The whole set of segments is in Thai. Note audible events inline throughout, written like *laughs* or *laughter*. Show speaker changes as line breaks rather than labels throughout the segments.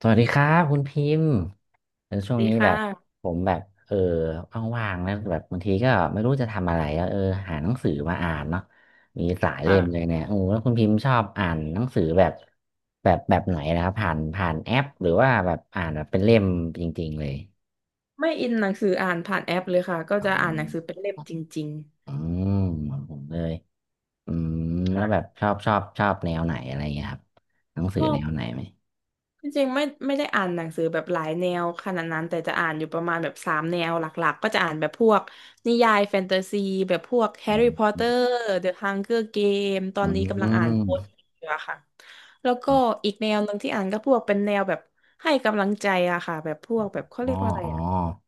สวัสดีครับคุณพิมพ์เออช่วง
ดี
นี้
ค
แบบ
่ะ
ผมแบบเออว่างๆนะแบบบางทีก็ไม่รู้จะทำอะไรอะเออหาหนังสือมาอ่านเนาะมีหลายเล่มเลย
ค่ะ
เนี่ยโอ้แล้วคุณพิมพ์ชอบอ่านหนังสือแบบไหนนะครับผ่านแอปหรือว่าแบบอ่านแบบเป็นเล่มจริงๆเลย
ไม่อินหนังสืออ่านผ่านแอปเลยค่ะ ก็
อ๋อ
จะอ่านหนังสือเป็นเล่มจริง
อืมเหมือนผมเลยอืม
ๆ
แล้
ค่ะ
วแบบชอบแนวไหนอะไรเงี้ยครับหนังสื
ช
อ
อ
แน
บ
วไหนไหม
จริงๆไม่ได้อ่านหนังสือแบบหลายแนวขนาดนั้นแต่จะอ่านอยู่ประมาณแบบสามแนวหลักๆก็จะอ่านแบบพวกนิยายแฟนตาซีแบบพวกแฮร์
อื
รี่พอต
ม
เตอร์เดอะฮังเกอร์เกมตอ
อื
นนี้กำลังอ่านโค้ดอ
ม
ยู่อะค่ะแล้วก็อีกแนวหนึ่งที่อ่านก็พวกเป็นแนวแบบให้กำลังใจอะค่ะแบบพวกแบบเขา
อ๋
เรี
อ
ยกว่าอะไร
อ๋อ
อะ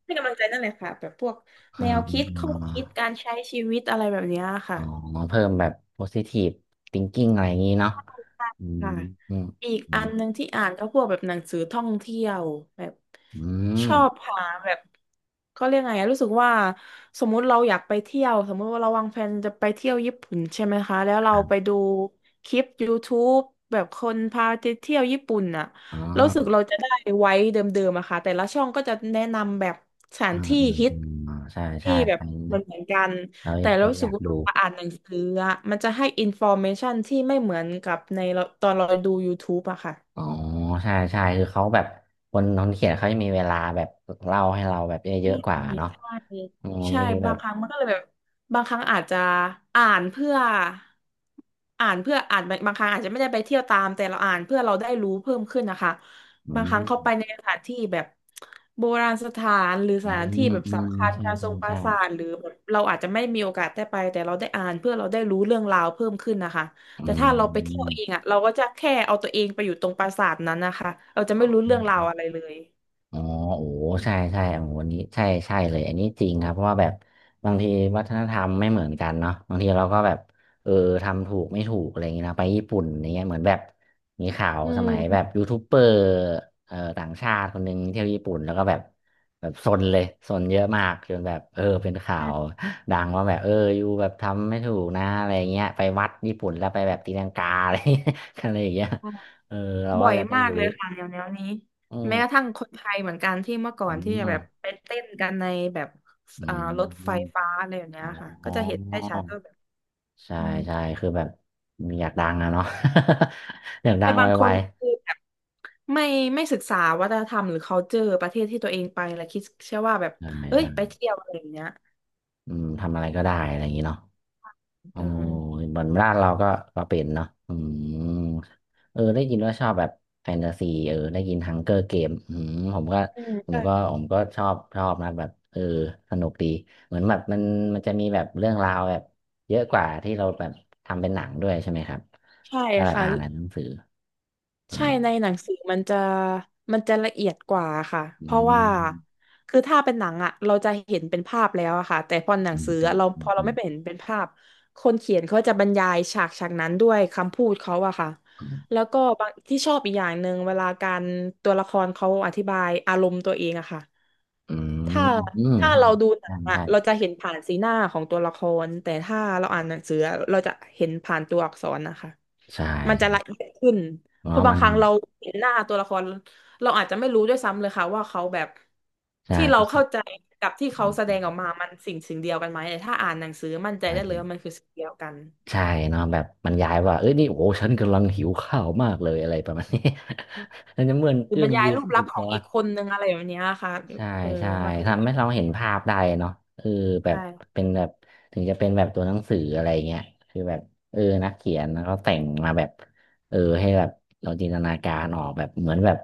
ให้กำลังใจนั่นแหละค่ะแบบพวก
อ่า
แนวคิดข้อ
อ่า
คิดการใช้ชีวิตอะไรแบบเนี้ย
อ๋
ค่ะ
อเพิ่มแบบ positive thinking อะไรอย่างนี้เนาะอืม
ค่ะ
อืม
อีก
อื
อั
ม
นหนึ่งที่อ่านก็พวกแบบหนังสือท่องเที่ยวแบบ
อื
ช
ม
อบหาแบบเขาเรียกไงอะรู้สึกว่าสมมุติเราอยากไปเที่ยวสมมุติว่าเราวางแผนจะไปเที่ยวญี่ปุ่นใช่ไหมคะแล้ว
ค
เรา
รั
ไป
บ
ดูคลิป YouTube แบบคนพาไปเที่ยวญี่ปุ่นน่ะ
อ๋อ
รู้สึกเราจะได้ไว้เดิมๆอะค่ะแต่ละช่องก็จะแนะนำแบบสถา
อื
น
ม
ที่
อืม
ฮิต
อืมอ๋อใช่ใช่
ที่แบบ
อันนี้
เหมือ
นะ
นเหมือนกัน
เรา
แต่
ค
เรา
น
รู้
อ
สึ
ยา
ก
ก
ว่า
ดู
เราอ่านหนังสืออะมันจะให้อินฟอร์เมชันที่ไม่เหมือนกับในเราตอนเราดู YouTube อะค่ะ
อ๋อใช่ใช่คือเขาแบบคนน้องเขียนเขาจะมีเวลาแบบเล่าให้เราแบบเย
ใช่
อะๆกว่าเนาะ
ใช่
อืม
ใช่
นี่แบ
บา
บ
งครั้งมันก็เลยแบบบางครั้งอาจจะอ่านเพื่ออ่านเพื่ออ่านบางครั้งอาจจะไม่ได้ไปเที่ยวตามแต่เราอ่านเพื่อเราได้รู้เพิ่มขึ้นนะคะ
อื
บางครั้งเข้าไปใน
ม
สถานที่แบบโบราณสถานหรือส
อื
ถานที่
ม
แบบ
อืม
สำคัญ
ใช่
การท
ใช่
รงปรา
ใช่
สาทหรือแบบเราอาจจะไม่มีโอกาสได้ไปแต่เราได้อ่านเพื่อเราได้รู้เรื่องราวเพิ่มขึ้นนะคะ
อื
แต่ถ้าเราไปเที่ยว
ม
เองอ่ะเราก็จะแค่เอาตัวเองไปอยู่ตรงปราสาทนั้นนะคะเราจะไม่รู้เรื่องราวอะไรเลย
อ๋อโอ้ใช่ใช่โอ้โหวันนี้ใช่ใช่เลยอันนี้จริงครับเพราะว่าแบบบางทีวัฒนธรรมไม่เหมือนกันเนาะบางทีเราก็แบบเออทำถูกไม่ถูกอะไรอย่างเงี้ยนะไปญี่ปุ่นอย่างเงี้ยเหมือนแบบมีข่าว
อื
สมัยแบบ
ม
ยูทูบเบอร์ต่างชาติคนหนึ่งเที่ยวญี่ปุ่นแล้วก็แบบแบบซนเลยซนเยอะมากจนแบบเออเป็นข่าวดังว่าแบบเอออยู่แบบทำไม่ถูกนะอะไรอย่างเงี้ยไปวัดญี่ปุ่นแล้วไปแบบตีลังกาอะไร *laughs* อะไรอย่างเงี้ยเออเรา
บ่
ก็
อย
จะได้
มาก
รู้
เลยค่ะเดี๋ยวนี้
อื
แม้กระ
ม
ทั่งคนไทยเหมือนกันที่เมื่อก่อ
อื
นที่จะแบบ
ม
ไปเต้นกันในแบบ
อื
อ่ารถไฟ
ม
ฟ้าอะไรอย่างเนี้
อ๋
ย
อ
ค่ะก็จะเห็นได้ชัดว่าแบบ
ใช่
อืม
ใช่คือแบบมีอยากดังนะเนาะ *laughs* อยากดั
แต่
งไ
บางค
ว
นคือแบบไม่ไม่ศึกษาวัฒนธรรมหรือ culture ประเทศที่ตัวเองไปแล้วคิดเชื่อว่าแบบ
ๆใช่
เอ้ยไป
ใช่
เที่ยวอะไรอย่างเงี้ย
อืมทำอะไรก็ได้อะไรอย่างนี้เนาะโอ้อ
เออ
เหมือนบ้านเราก็ก็เป็นเนาะอืมเออได้ยินว่าชอบแบบแฟนตาซีเออได้ยินฮังเกอร์เกมอืมผมก็
อืมใช่
ชอบชอบนะแบบเออสนุกดีเหมือนแบบมันจะมีแบบเรื่องราวแบบเยอะกว่าที่เราแบบทำเป็นหนังด้วยใช่ไหมครับ
ใช่
ถ้าเรา
ค่ะ
อ่านในหนังสืออ๋อ
ใช่ในหนังสือมันจะมันจะละเอียดกว่าค่ะเพ
อื
ราะว่า
ม
คือถ้าเป็นหนังอะเราจะเห็นเป็นภาพแล้วอะค่ะแต่พอหนั
อื
ง
ม
สือ
อื
อะ
ม
เรา
อื
พ
ม
อเรา
อืม
ไม่ไป
อื
เห็
ม
นเป็นภาพคนเขียนเขาจะบรรยายฉากฉากนั้นด้วยคำพูดเขาอะค่ะแล้วก็บางที่ชอบอีกอย่างหนึ่งเวลาการตัวละครเขาอธิบายอารมณ์ตัวเองอะค่ะถ้า
อืม
ถ้าเราดูหนั
ใช่
งอะเรา
ใช่
จะเห็นผ่านสีหน้าของตัวละครแต่ถ้าเราอ่านหนังสืออะเราจะเห็นผ่านตัวอักษรนะคะ
ใช่ใช
มันจะละ
่
เอียดขึ้น
อ๋
เพราะบา
มั
งค
น
รั้งเราเห็นหน้าตัวละครเราอาจจะไม่รู้ด้วยซ้ำเลยค่ะว่าเขาแบบ
ใช่
ที่เรา
ใช
เข้าใจกับที่เขาแสดงออกมามันสิ่งสิ่งเดียวกันไหมแต่ถ้าอ่านหนังสือมั่นใจได้
่
เลยว่ามันคือสิ่งเดียวกัน
ใช่เนาะแบบมันย้ายว่า เอ้ย นี่ โอ้ฉันกำลังหิว ข้าว มาก เลย อะไร ประมาณนี้ *laughs* ฉันจะเมื่อน
หรือ
เอื้
บ
อ
ร
ม
รยาย
ยืม
รูป
ห
ลั
ยิ
กษ
บ
ณ์ขอ
ร้
ง
อ
อี
น
กคนนึงอะไรแบบเนี้ยค่ะ
ใช่
เออ
ใช่
มันก็จะ
ทำ
แบ
ให้
บ
เราเห็นภาพได้เนาะเออแบบ
ใช่
เป็นแบบถึงจะเป็นแบบตัวหนังสืออะไรเงี้ยคือแบบเออนักเขียนแล้แต่งมาแบบเออให้แบบเราจินตนาการออกแบบเหมือนแบบ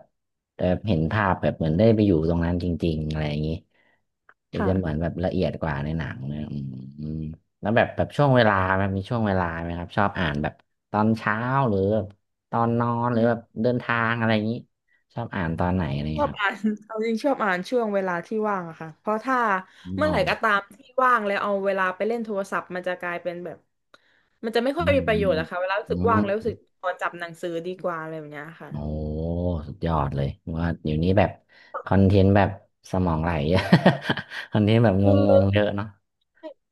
แบบเห็นภาพแบบเหมือนได้ไปอยู่ตรงนั้นจริงๆอะไรอย่างนี้หรือ
ค่ะ
จะเหมือนแบบละเอียดกว่าในหนังเนี่ยอืมอืมแล้วแบบแบบช่วงเวลาแบบมีช่วงเวลาไหมครับชอบอ่านแบบตอนเช้าหรือแบบตอนนอนหรื
อื
อแบบเดินทางอะไรอย่างนี้ชอบอ่านตอนไหนอะไรอย่าง
ชอ
งี้
บ
ครั
อ่าน *laughs* เอาจริงชอบอ่านช่วงเวลาที่ว่างอะค่ะเพราะถ้าเมื่อไหร่
บ
ก็ตามที่ว่างแล้วเอาเวลาไปเล่นโทรศัพท์มันจะกลายเป็นแบบมันจะไม่ค่
อื
อย
ม
มีประ
อื
โยช
ม
น์อะค่ะเวลารู้สึกว่างแล้วรู้สึกขอจับหนังสือดีกว่าอะไรแบบเนี้ยค่ะ
โอ้สุดยอดเลยว่าเดี๋ยวนี้แบบคอนเทนต์แบบสมองไหล *laughs* คอนเทนต์แบบง
คือ
งๆเยอะเนาะ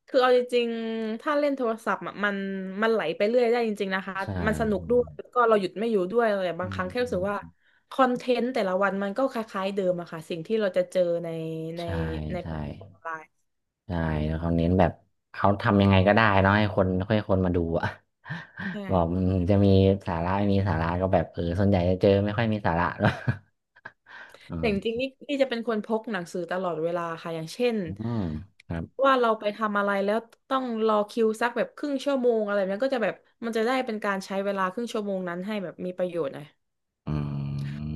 คือเอาจริงๆถ้าเล่นโทรศัพท์อะมันไหลไปเรื่อยได้จริงๆนะคะ
ใช่
มันสนุกด้วยแล้วก็เราหยุดไม่อยู่ด้วยเลย
อื
บางค
ม
รั้งแค่
อื
รู้สึกว่า
ม
คอนเทนต์แต่ละวันมันก็คล้ายๆเดิมอะค่ะสิ่งที่เราจะเจอในใน
ใช่
ในแพ
ใช่
ลตฟอร์มออนไลน์
ใช่แล้วเขาเน้นแบบเขาทำยังไงก็ได้เนาะให้คนมาดูอะ
ใช่
*laughs* บอกมันจะมีสาระไม่มีสาระก็แบบเออส่วนใหญ่จะเจอไม่ค่อยมีสาระหรอก *laughs* อื
แต่จริง
ม
ๆนี่จะเป็นคนพกหนังสือตลอดเวลาค่ะอย่างเช่น
อืมครับ
ว่าเราไปทำอะไรแล้วต้องรอคิวสักแบบครึ่งชั่วโมงอะไรแบบนั้นก็จะแบบมันจะได้เป็นการใช้เวลาครึ่งชั่วโมงนั้นให้แบบมีประโยชน์หน่อย
อื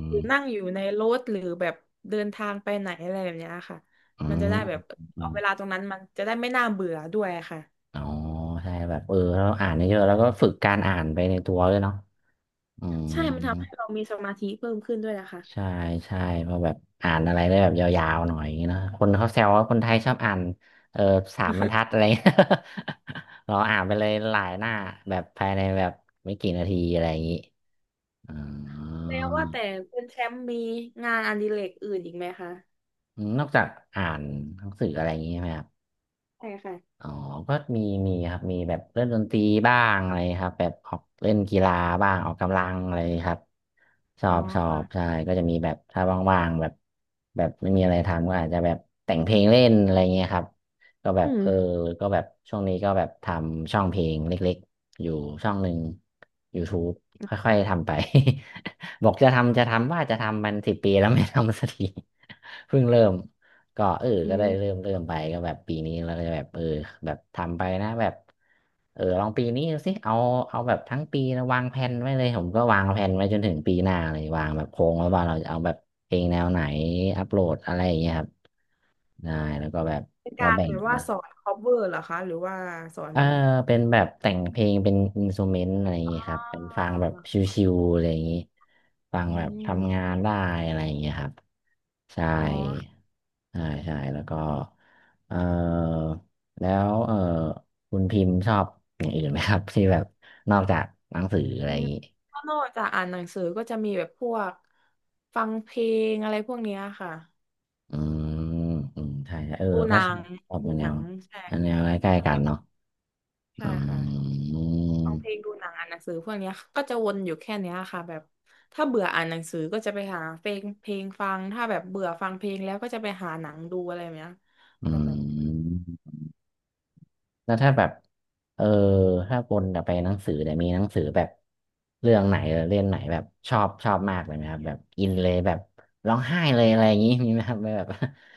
ห
ม
รือนั่งอยู่ในรถหรือแบบเดินทางไปไหนอะไรแบบเนี้ยค่ะ
อื
มันจะ
ม
ได้แบบ
อื
เอา
ม
เวลาตรงนั้นมันจะได้ไม่น่าเบื่อด้วยค่ะ
อ๋อใช่แบบเออเราอ่านเยอะๆแล้วก็ฝึกการอ่านไปในตัวด้วยเนาะอืม
ใช่มันทำให้เรามีสมาธิเพิ่มขึ้นด้วยนะคะ
ใช่ใช่เพราะแบบอ่านอะไรได้แบบยาวๆหน่อยอย่างงี้เนอะคนเขาแซวว่าคนไทยชอบอ่านเออสามบรรทัดอะไร
*laughs*
เงี้ย *laughs* เราอ่านไปเลยหลายหน้าแบบภายในแบบไม่กี่นาทีอะไรอย่างงี้อ๋อ
แล้วว่าแต่คุณแชมป์มีงานอดิเรกอื่นอีกไหมคะ
นอกจากอ่านหนังสืออะไรอย่างงี้ใช่ไหมครับ
ใช่ค่ะ
อ๋อก็มีมีครับมีแบบเล่นดนตรีบ้างอะไรครับแบบออกเล่นกีฬาบ้างออกกำลังอะไรครับชอ
อ๋อ
บชอ
ค่ะ
บใช่ก็จะมีแบบถ้าว่างๆแบบแบบไม่มีอะไรทำก็อาจจะแบบแต่งเพลงเล่นอะไรเงี้ยครับก็แบ
อื
บ
ม
เออก็แบบช่วงนี้ก็แบบทำช่องเพลงเล็กๆอยู่ช่องหนึ่ง YouTube ค่อยๆทำไป *laughs* บอกจะทำจะทำว่าจะทำมันสิบปีแล้ว *laughs* ไม่ทำสักที *laughs* เพิ่งเริ่ม ก็เออ
อื
ก็ได้
ม
เริ่มไปก็แบบปีนี้แล้วก็จะแบบเออแบบทำไปนะแบบเออลองปีนี้ดูสิเอาแบบทั้งปีนะวางแผนไว้เลยผมก็วางแผนไว้จนถึงปีหน้าเลยวางแบบโครงไว้ว่าเราจะเอาแบบเพลงแนวไหนอัปโหลดอะไรอย่างเงี้ยครับได้แล้วก็แบบ
เป็น
เรา
การ
แบ่ง
แบบว่า
มา
สอน cover เหรอคะหรือว่าสอ
เอ
น
อเป็นแบบแต่งเพลงเป็นอินสต u เมนต์อะไรอย่าง
อ่
งี้ครับเป็น
า
ฟังแบบชิวๆอะไรอย่างงี้ฟัง
อื
แบบ
ม
ทำงานได้อะไรอย่างงี้ครับใช่
อ๋อค่ะ
ใช่ใช่แล้วก็เออแล้วคุณพิมพ์ชอบอย่างอื่นไหมครับ *laughs* ที่แบบนอกจากหนังสืออะไรอย่างงี้
ก็นอกจากอ่านหนังสือก็จะมีแบบพวกฟังเพลงอะไรพวกเนี้ยค่ะ
อืมอืมใช่ใช่เออ
ดู
เรา
ห
ก็
นัง
ชอบ
ดู
แน
หนั
ว
งใช่
แนวใกล้
ค่ะ
ๆกั
แบ
น
บ
เนาะ
ใช่
อื
ค่ะ
ม
ฟังเพลงดูหนังอ่านหนังสือพวกเนี้ยก็จะวนอยู่แค่เนี้ยค่ะแบบถ้าเบื่ออ่านหนังสือก็จะไปหาเพลงฟังถ้าแบบเบื่อฟังเพลงแล้วก็จะไปหาหนังดูอะไรแบบเนี้ย
อื
แบบ
ม แล้วถ้าแบบเออถ้าวนกลับไปหนังสือแต่ยมีหนังสือแบบเรื่องไหนหรือเล่มไหนแบบชอบมากเลยไหมครับแบบอินเลยแบบร้องไห้เลยอะไรอย่างนี้ *laughs* มีไหมครับแบบ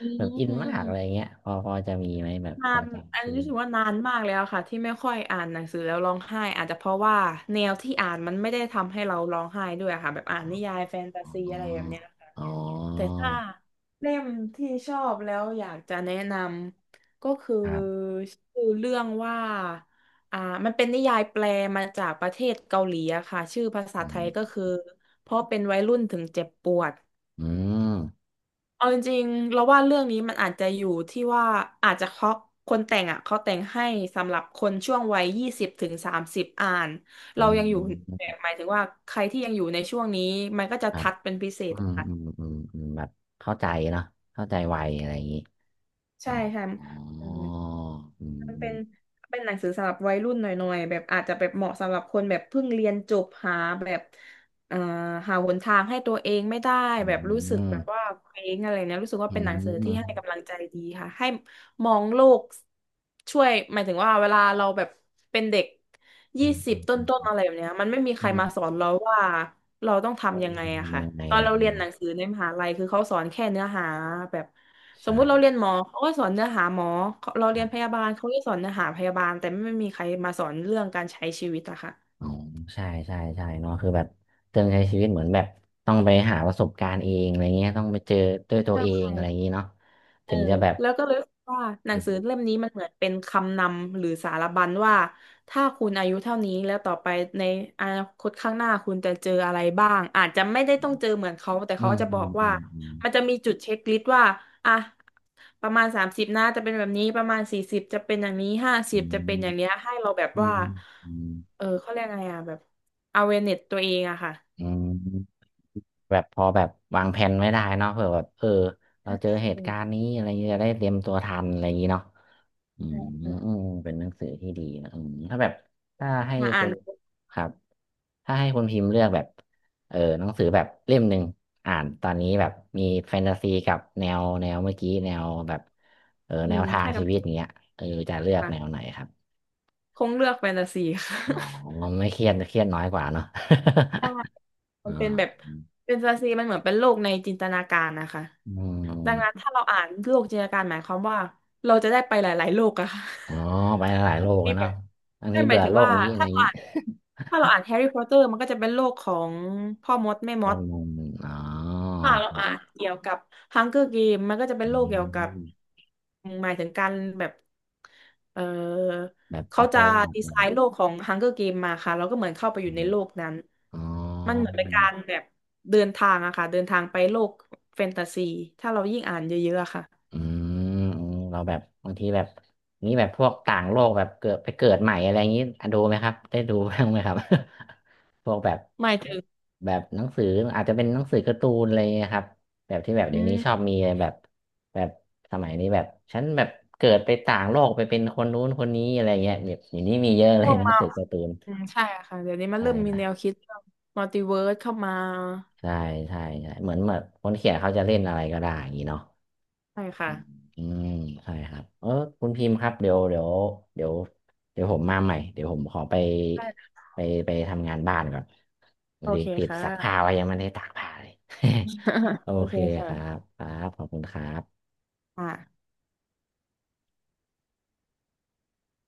อื
แบบอินมากอะไรอย่า
ม
งเงี้ยพอจะมีไหมแบบ
นา
พอ
นอั
จำ
น
ชื่
นี้
อ
รู้สึกว่านานมากแล้วค่ะที่ไม่ค่อยอ่านหนังสือแล้วร้องไห้อาจจะเพราะว่าแนวที่อ่านมันไม่ได้ทำให้เราร้องไห้ด้วยค่ะแบบอ่านนิยายแฟนตา
อ๋อ
ซีอะไรแบบเนี้ยค่ะ
อ๋
แต่
อ
ถ้าเล่มที่ชอบแล้วอยากจะแนะนำก็คือ
ครับ
ชื่อเรื่องว่าอ่ามันเป็นนิยายแปลมาจากประเทศเกาหลีอะค่ะชื่อภาษา
อื
ไท
ม
ยก็คือเพราะเป็นวัยรุ่นถึงเจ็บปวด
อืม
เอาจริงๆ เราว่าเรื่องนี้มันอาจจะอยู่ที่ว่าอาจจะเพราะคนแต่งอ่ะเขาแต่งให้สำหรับคนช่วงวัย20 ถึง 30อ่าน
อื
เรายังอยู่แบบ
ม
หมายถึงว่าใครที่ยังอยู่ในช่วงนี้มันก็จะ
ครับ
ทัดเป็นพิเศ
อื
ษ
มอืม
ค่ะ
อืมอืมแบบเข้าใจเนาะเข้าใจไวอะไรอย่างนี้อ๋อ
ใช่ค่ะ
อ๋ออื
มันเป็น
ม
เป็นหนังสือสำหรับวัยรุ่นหน่อยๆแบบอาจจะแบบเหมาะสำหรับคนแบบเพิ่งเรียนจบหาแบบเอ่อหาหนทางให้ตัวเองไม่ได้
อื
แบบรู้สึ
ม
กแบบว่าเคว้งอะไรเนี่ยรู้สึกว่า
อื
เป็นหนังสือ
ม
ที่ให้กำลังใจดีค่ะให้มองโลกช่วยหมายถึงว่าเวลาเราแบบเป็นเด็ก
อื
ยี่
ม
สิ
อื
บ
ม
ต
อื
้นๆ
ม
อะไรแบบเนี้ยมันไม่มีใค
อื
ร
ม
มาสอนเราว่าเราต้อง
ว่า
ทำยั
ม
ง
น
ไงอะ
ทำยั
ค่ะ
ไง
ตอน
อะไร
เรา
อย่าง
เรีย
เงี้ย
นห
เนาะ
นังสือในมหาลัยคือเขาสอนแค่เนื้อหาแบบ สมมุติเรา
ใช่
เรียนหมอเขาก็สอนเนื้อหาหมอเรา
ค
เรี
รั
ยนพยา
บ
บาลเขาก็สอนเนื้อหาพยาบาลแต่ไม่มีใครมาสอนเรื่องการใช้ชีวิตอะค่ะ
อ๋อใช่ใช่ใช่เนาะคือแบบเติมใช้ชีวิตเหมือนแบบต้องไปหาประสบการณ์เองอะไรเงี้ยต้องไปเจอด้วยตัวเองอะไรอย่าง
ใช่
งี้เนาะ
เอ
ถึ
อ
งจะแบบ
แล้วก็เลยรู้สึกว่าหนัง
รู้
สือเล่มนี้มันเหมือนเป็นคำนำหรือสารบัญว่าถ้าคุณอายุเท่านี้แล้วต่อไปในอนาคตข้างหน้าคุณจะเจออะไรบ้างอาจจะไม่ได้ต้องเจอเหมือนเขาแต่
อื
เขา
ม
จะ
อื
บอ
ม
ก
อื
ว่า
มอืม
มันจะมีจุดเช็คลิสต์ว่าอ่ะประมาณสามสิบนะจะเป็นแบบนี้ประมาณ40จะเป็นอย่างนี้50จะเป็นอย่างเนี้ยให้เราแบบ
อื
ว่า
มอืม
เออเขาเรียกไงอ่ะแบบ awareness ตัวเองอะค่ะ
อืมอืมแบบพอแบบวางแผนไม่ได้เนาะเผื่อแบบเราเจอเหตุการณ์
อ
นี้อะไรเงี้ยจะได้เตรียมตัวทันอะไรอย่างงี้เนาะอืมอืมเป็นหนังสือที่ดีนะอืมถ้าแบบถ้าให้
อ่ะอ่า
คุ
น
ณครับ ถ้าให้คุณพิมพ์เลือกแบบหนังสือแบบเล่มหนึ่งอ่านตอนนี้แบบมีแฟนตาซีกับแนวแนวเมื่อกี้แนวแบบ
อื
แน
ม
วทาง
ให้กั
ชี
บ
วิตอย่างเงี้ยจะเลือกแนวไหนครับ
คงเลือกแฟนตาซี *laughs* ค่ะ *laughs*
อ๋อไม่เครียดน้อยกว่าเนาะ
ใช่
*laughs*
มั
อ๋
นเป็น
อ
แบบแฟนตาซีมันเหมือนเป็นโลกในจินตนาการนะคะ
อื
ดังนั้น
ม
ถ้าเราอ่านโลกจินตนาการหมายความว่าเราจะได้ไปหลายๆโลกอะค่ะ
อ๋อไป
*laughs*
หลายโล
มันจะ
ก
มี
แล้ว
แบ
เนาะ
บ
อัน
ได้
นี้
หมา
เบื่
ย
อ
ถึง
โลก
ว่า
นี้อะไร
ถ้า
อย่าง
เรา
นี้
อ่านถ้าเราอ่านแฮร์รี่พอตเตอร์มันก็จะเป็นโลกของพ่อมดแม่
*laughs*
ม
แน่
ด
นอนอ๋อ
ค่ะเราอ่านเกี่ยวกับ Hunger Game มันก็จะเป็
อื
นโลกเกี่ยวกับ
ม
หมายถึงการแบบ เออ
แบบ
เขา
เอาตั
จะ
วรอดอะ
ดี
ไรอ
ไซ
ย่างเงี้
น์
ย
โลกของ Hunger Game มาค่ะเราก็เหมือนเข้าไปอ
อ
ยู่ใน
ม
โลกนั้น
อ๋อ
มันเหมือนเป็นการแบบเดินทางอะค่ะเดินทางไปโลกแฟนตาซีถ้าเรายิ่งอ่านเยอะๆอะค่ะ
อืมอืมเราแบบบางทีแบบนี้แบบพวกต่างโลกแบบเกิดไปเกิดใหม่อะไรอย่างนี้อ่ะดูไหมครับได้ดูบ้างไหมครับ *laughs* พวกแบบ
หมายถึง
แบบหนังสืออาจจะเป็นหนังสือการ์ตูนอะไรอย่างเงี้ยครับแบบที่แบบ
อื
เดี๋ยวนี้ชอบ
ม
มีอะไรแบบแบบสมัยนี้แบบฉันแบบเกิดไปต่างโลกไปเป็นคนนู้นคนนี้อะไรเงี้ยแบบอย่างนี้มีเยอะ
พ
เลย
วก
หนัง
มา
สือการ์ตูน
อืมใช่อะค่ะเดี๋ยวนี้มัน
ใช่
เริ่มมี
นะ
แนวคิดมัลติเวิร์สเข้ามา
ใช่ใช่ใช่เหมือนแบบคนเขียนเขาจะเล่นอะไรก็ได้อย่างนี้เนาะ
ใช่ค่ะ
อืมใช่ครับคุณพิมพ์ครับเดี๋ยวเดี๋ยวผมมาใหม่เดี๋ยวผมขอไป
ใชค่ะ
ไปไปทำงานบ้านก่อนวั
โอ
นนี้
เค
ติด
ค
ซักผ้า
่ะ
ไว้ยังไม่ได้ตากผ้าเลย *laughs* โอ
*laughs* โอ
เค
เค
ครับ
ค่ะ
ครับขอบคุณครับ
อ่า